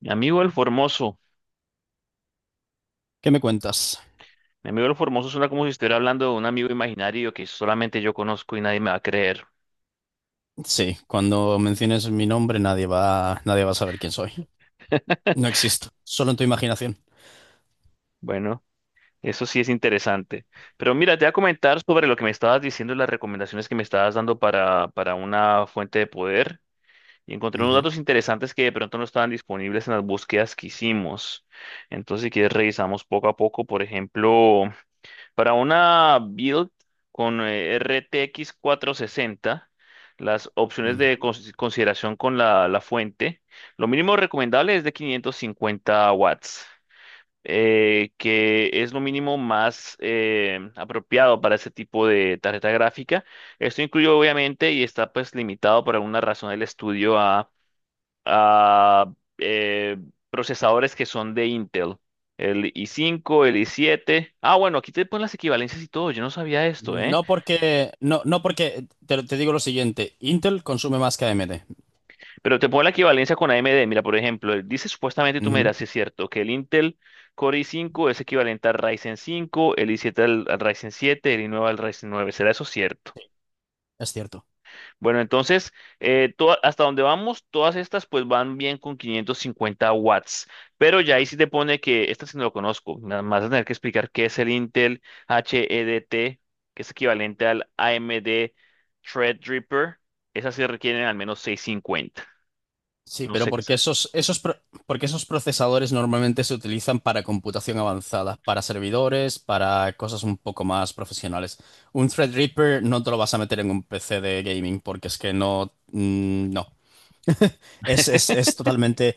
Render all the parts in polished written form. Mi amigo el Formoso. ¿Qué me cuentas? Mi amigo el Formoso suena como si estuviera hablando de un amigo imaginario que solamente yo conozco y nadie me va a creer. Sí, cuando menciones mi nombre nadie va a saber quién soy. No existo, solo en tu imaginación. Bueno, eso sí es interesante. Pero mira, te voy a comentar sobre lo que me estabas diciendo y las recomendaciones que me estabas dando para una fuente de poder. Y encontré unos Ujú, datos interesantes que de pronto no estaban disponibles en las búsquedas que hicimos. Entonces, si quieres, revisamos poco a poco. Por ejemplo. Para una build con RTX 460, las opciones de ujú. Consideración con la fuente, lo mínimo recomendable es de 550 watts, que es lo mínimo más apropiado para ese tipo de tarjeta gráfica. Esto incluye obviamente y está pues limitado por alguna razón del estudio a eh, procesadores que son de Intel, el i5, el i7. Ah, bueno, aquí te ponen las equivalencias y todo, yo no sabía esto, ¿eh? No porque, te digo lo siguiente, Intel consume más que AMD. Pero te ponen la equivalencia con AMD. Mira, por ejemplo, dice supuestamente, tú me Ujú. dirás si es cierto, que el Intel Core i5 es equivalente al Ryzen 5, el i7 al, al Ryzen 7, el i9 al Ryzen 9. ¿Será eso cierto? Es cierto. Bueno, entonces, hasta donde vamos, todas estas pues van bien con 550 W, pero ya ahí sí te pone que esta sí no lo conozco, nada más vas a tener que explicar qué es el Intel HEDT, que es equivalente al AMD Threadripper, esas sí requieren al menos 650. Sí, No pero sé qué es. porque esos procesadores normalmente se utilizan para computación avanzada, para servidores, para cosas un poco más profesionales. Un Threadripper no te lo vas a meter en un PC de gaming porque es que no, no. Es totalmente.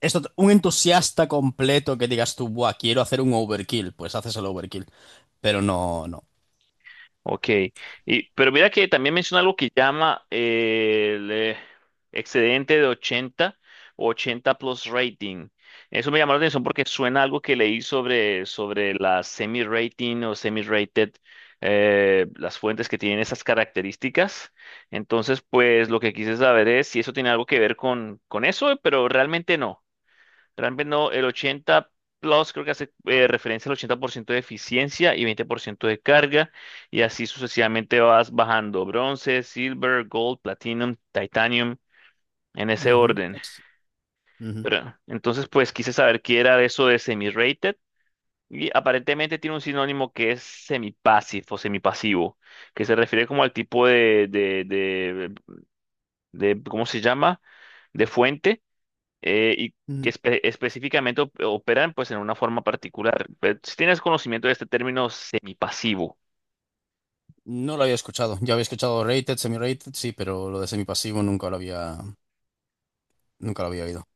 Esto, un entusiasta completo que digas tú, buah, quiero hacer un overkill, pues haces el overkill. Pero no, no. Ok, y, pero mira que también menciona algo que llama el excedente de 80 o 80 plus rating. Eso me llamó la atención porque suena algo que leí sobre la semi-rating o semi-rated, las fuentes que tienen esas características. Entonces, pues lo que quise saber es si eso tiene algo que ver con eso, pero realmente no. Realmente no, el 80 Plus creo que hace referencia al 80% de eficiencia y 20% de carga, y así sucesivamente vas bajando bronce, silver, gold, platinum, titanium, en ese Ujú, orden. Ujú, Pero, entonces, pues quise saber qué era eso de semi-rated, y aparentemente tiene un sinónimo que es semi-passive o semipasivo, que se refiere como al tipo ¿cómo se llama? De fuente eh, y que ujú. Específicamente operan pues en una forma particular. Pero si tienes conocimiento de este término semipasivo, No lo había escuchado. Ya había escuchado rated, semi-rated, sí, pero lo de semipasivo nunca lo había oído.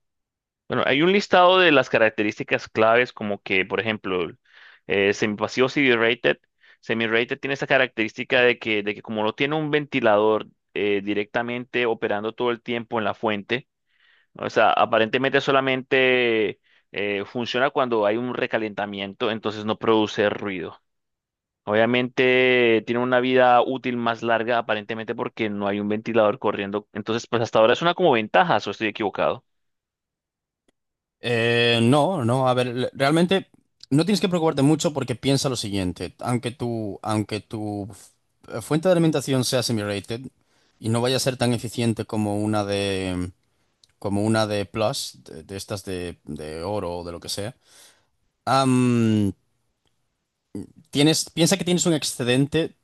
bueno, hay un listado de las características claves como que, por ejemplo, semipasivo CD-rated, semi-rated tiene esa característica de que como no tiene un ventilador directamente operando todo el tiempo en la fuente, ¿no? O sea, aparentemente solamente funciona cuando hay un recalentamiento, entonces no produce ruido. Obviamente tiene una vida útil más larga aparentemente porque no hay un ventilador corriendo. Entonces, pues hasta ahora es una como ventaja, o estoy equivocado. No, no, a ver, realmente no tienes que preocuparte mucho porque piensa lo siguiente. Aunque tu fuente de alimentación sea semi-rated y no vaya a ser tan eficiente como una de plus, de estas de oro o de lo que sea. Am, Tienes, piensa que tienes un excedente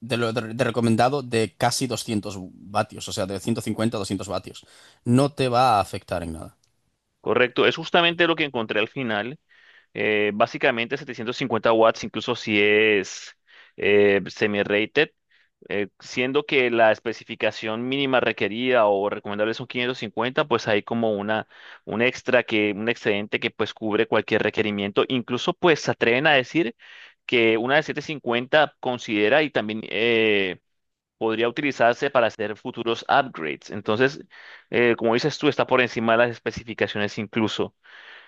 de lo de recomendado de casi 200 vatios, o sea, de 150 a 200 vatios. No te va a afectar en nada. Correcto, es justamente lo que encontré al final. Básicamente 750 watts, incluso si es semi-rated, siendo que la especificación mínima requerida o recomendable son 550, pues hay como una, un extra que, un excedente que pues cubre cualquier requerimiento. Incluso pues se atreven a decir que una de 750 considera y también podría utilizarse para hacer futuros upgrades. Entonces, como dices tú, está por encima de las especificaciones incluso.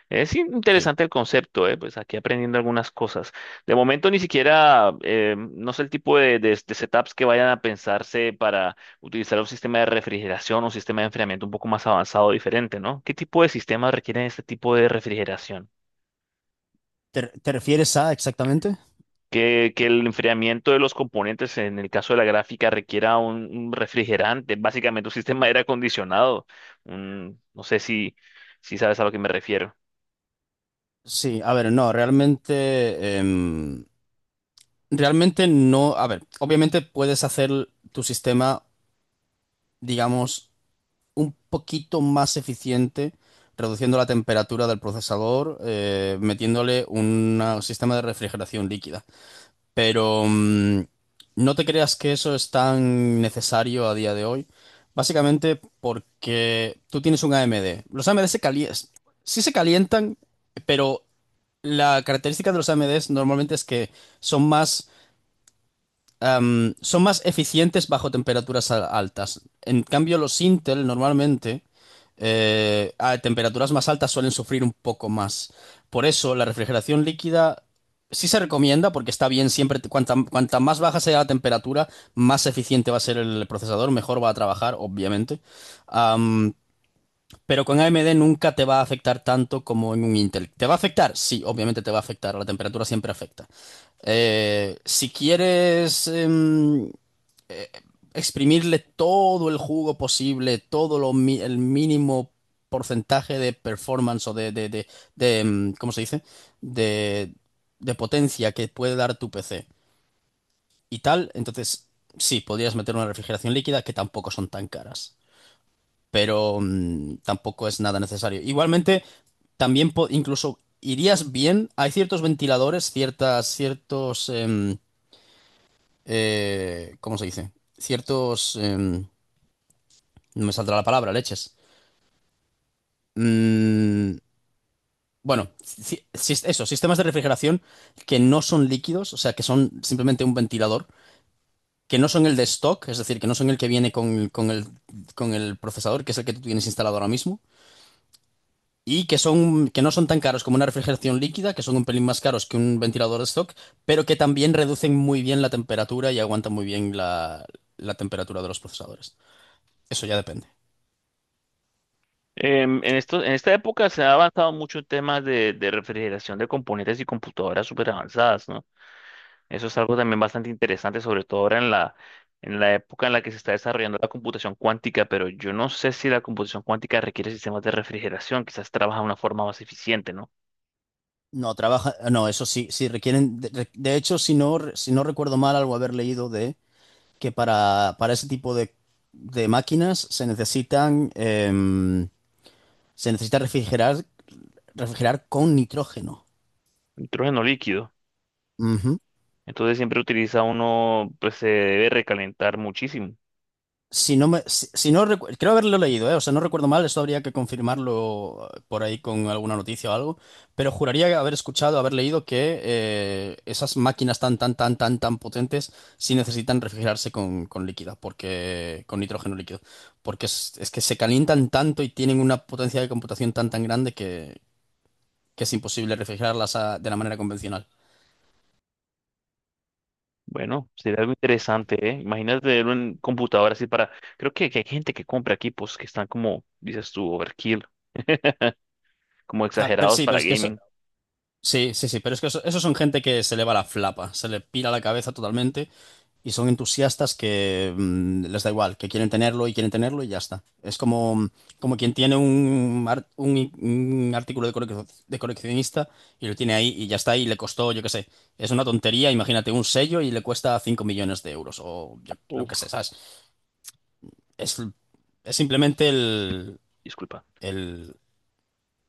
Es Sí. interesante el concepto, ¿eh? Pues aquí aprendiendo algunas cosas. De momento ni siquiera, no sé el tipo de setups que vayan a pensarse para utilizar un sistema de refrigeración o un sistema de enfriamiento un poco más avanzado, diferente, ¿no? ¿Qué tipo de sistemas requieren este tipo de refrigeración? ¿Te refieres a exactamente? Que el enfriamiento de los componentes, en el caso de la gráfica, requiera un refrigerante, básicamente un sistema de aire acondicionado. No sé si, si sabes a lo que me refiero. Sí, a ver, no, realmente no, a ver, obviamente puedes hacer tu sistema, digamos, un poquito más eficiente, reduciendo la temperatura del procesador, metiéndole un sistema de refrigeración líquida. Pero no te creas que eso es tan necesario a día de hoy. Básicamente porque tú tienes un AMD. Los AMD se calientan, sí se calientan, pero la característica de los AMDs normalmente es que son más son más eficientes bajo temperaturas altas. En cambio, los Intel normalmente a temperaturas más altas suelen sufrir un poco más. Por eso, la refrigeración líquida sí se recomienda porque está bien siempre, cuanta más baja sea la temperatura, más eficiente va a ser el procesador, mejor va a trabajar, obviamente. Am, pero con AMD nunca te va a afectar tanto como en un Intel. ¿Te va a afectar? Sí, obviamente te va a afectar. La temperatura siempre afecta. Si quieres eh, exprimirle todo el jugo posible, todo el mínimo porcentaje de performance o de ¿cómo se dice? De, de potencia que puede dar tu PC y tal, entonces sí, podrías meter una refrigeración líquida que tampoco son tan caras, pero tampoco es nada necesario. Igualmente, también incluso irías bien, hay ciertos ventiladores, ciertas, ciertos. ¿Cómo se dice? Ciertos. No me saldrá la palabra, leches. Mm, bueno, eso, sistemas de refrigeración que no son líquidos, o sea, que son simplemente un ventilador, que no son el de stock, es decir, que no son el que viene con el procesador, que es el que tú tienes instalado ahora mismo, y que son, que no son tan caros como una refrigeración líquida, que son un pelín más caros que un ventilador de stock, pero que también reducen muy bien la temperatura y aguantan muy bien la temperatura de los procesadores. Eso ya depende. En en esta época se ha avanzado mucho en temas de refrigeración de componentes y computadoras súper avanzadas, ¿no? Eso es algo también bastante interesante, sobre todo ahora en la época en la que se está desarrollando la computación cuántica, pero yo no sé si la computación cuántica requiere sistemas de refrigeración, quizás trabaja de una forma más eficiente, ¿no? No, trabaja, no, eso sí, sí requieren, de hecho, si no, si no recuerdo mal, algo haber leído de que para ese tipo de, máquinas se necesita refrigerar con nitrógeno. Nitrógeno líquido. Entonces siempre utiliza uno, pues se debe recalentar muchísimo. Si no me, si, si no recu- Creo haberlo leído, ¿eh? O sea, no recuerdo mal, esto habría que confirmarlo por ahí con alguna noticia o algo, pero juraría haber escuchado, haber leído que esas máquinas tan, tan, tan, tan, tan potentes sí necesitan refrigerarse con líquida, porque, con nitrógeno líquido, porque es que se calientan tanto y tienen una potencia de computación tan, tan grande que es imposible refrigerarlas de la manera convencional. Bueno, sería algo interesante, ¿eh? Imagínate tener un computador así para... Creo que hay gente que compra equipos que están como, dices tú, overkill, como Claro, pero exagerados sí, para gaming. sí, sí, sí, pero es que eso son gente que se le va la flapa, se le pira la cabeza totalmente. Y son entusiastas que les da igual, que quieren tenerlo y ya está. Es como quien tiene un artículo de coleccionista y lo tiene ahí y ya está y le costó, yo qué sé, es una tontería, imagínate un sello y le cuesta 5 millones de euros o yo, lo que sé, Uf, ¿sabes? Es, es simplemente disculpa. el,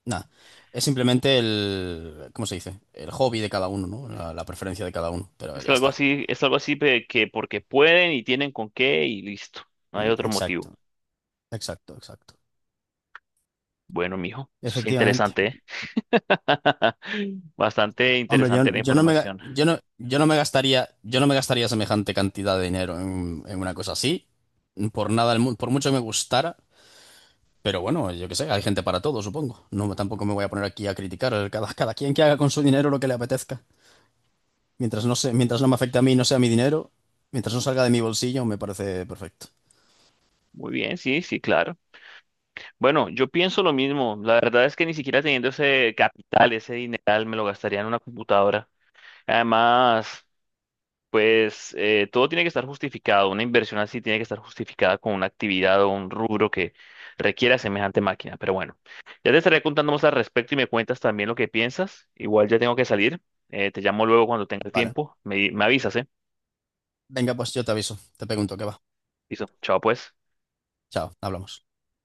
nada, es simplemente el. ¿Cómo se dice? El hobby de cada uno, ¿no? La preferencia de cada uno, pero ya está. Es algo así pe- que porque pueden y tienen con qué y listo. No hay otro motivo. Exacto, exacto, exacto. Bueno, mijo, eso es Efectivamente. interesante, ¿eh? Bastante Hombre, interesante la yo no me, información. yo no, yo no me gastaría, yo no me gastaría semejante cantidad de dinero en una cosa así. Por nada del mundo, por mucho que me gustara. Pero bueno, yo qué sé, hay gente para todo, supongo. No, tampoco me voy a poner aquí a criticar. Cada quien que haga con su dinero lo que le apetezca. Mientras no me afecte a mí, y no sea mi dinero, mientras no salga de mi bolsillo, me parece perfecto. Muy bien, sí, sí, claro. Bueno, yo pienso lo mismo. La verdad es que ni siquiera teniendo ese capital, ese dineral, me lo gastaría en una computadora. Además, pues todo tiene que estar justificado. Una inversión así tiene que estar justificada con una actividad o un rubro que requiera semejante máquina. Pero bueno, ya te estaré contando más al respecto y me cuentas también lo que piensas. Igual ya tengo que salir. Te llamo luego cuando tengas Vale. tiempo. Me avisas, ¿eh? Venga, pues yo te aviso. Te pregunto qué va. Listo. Chao, pues. Chao, hablamos.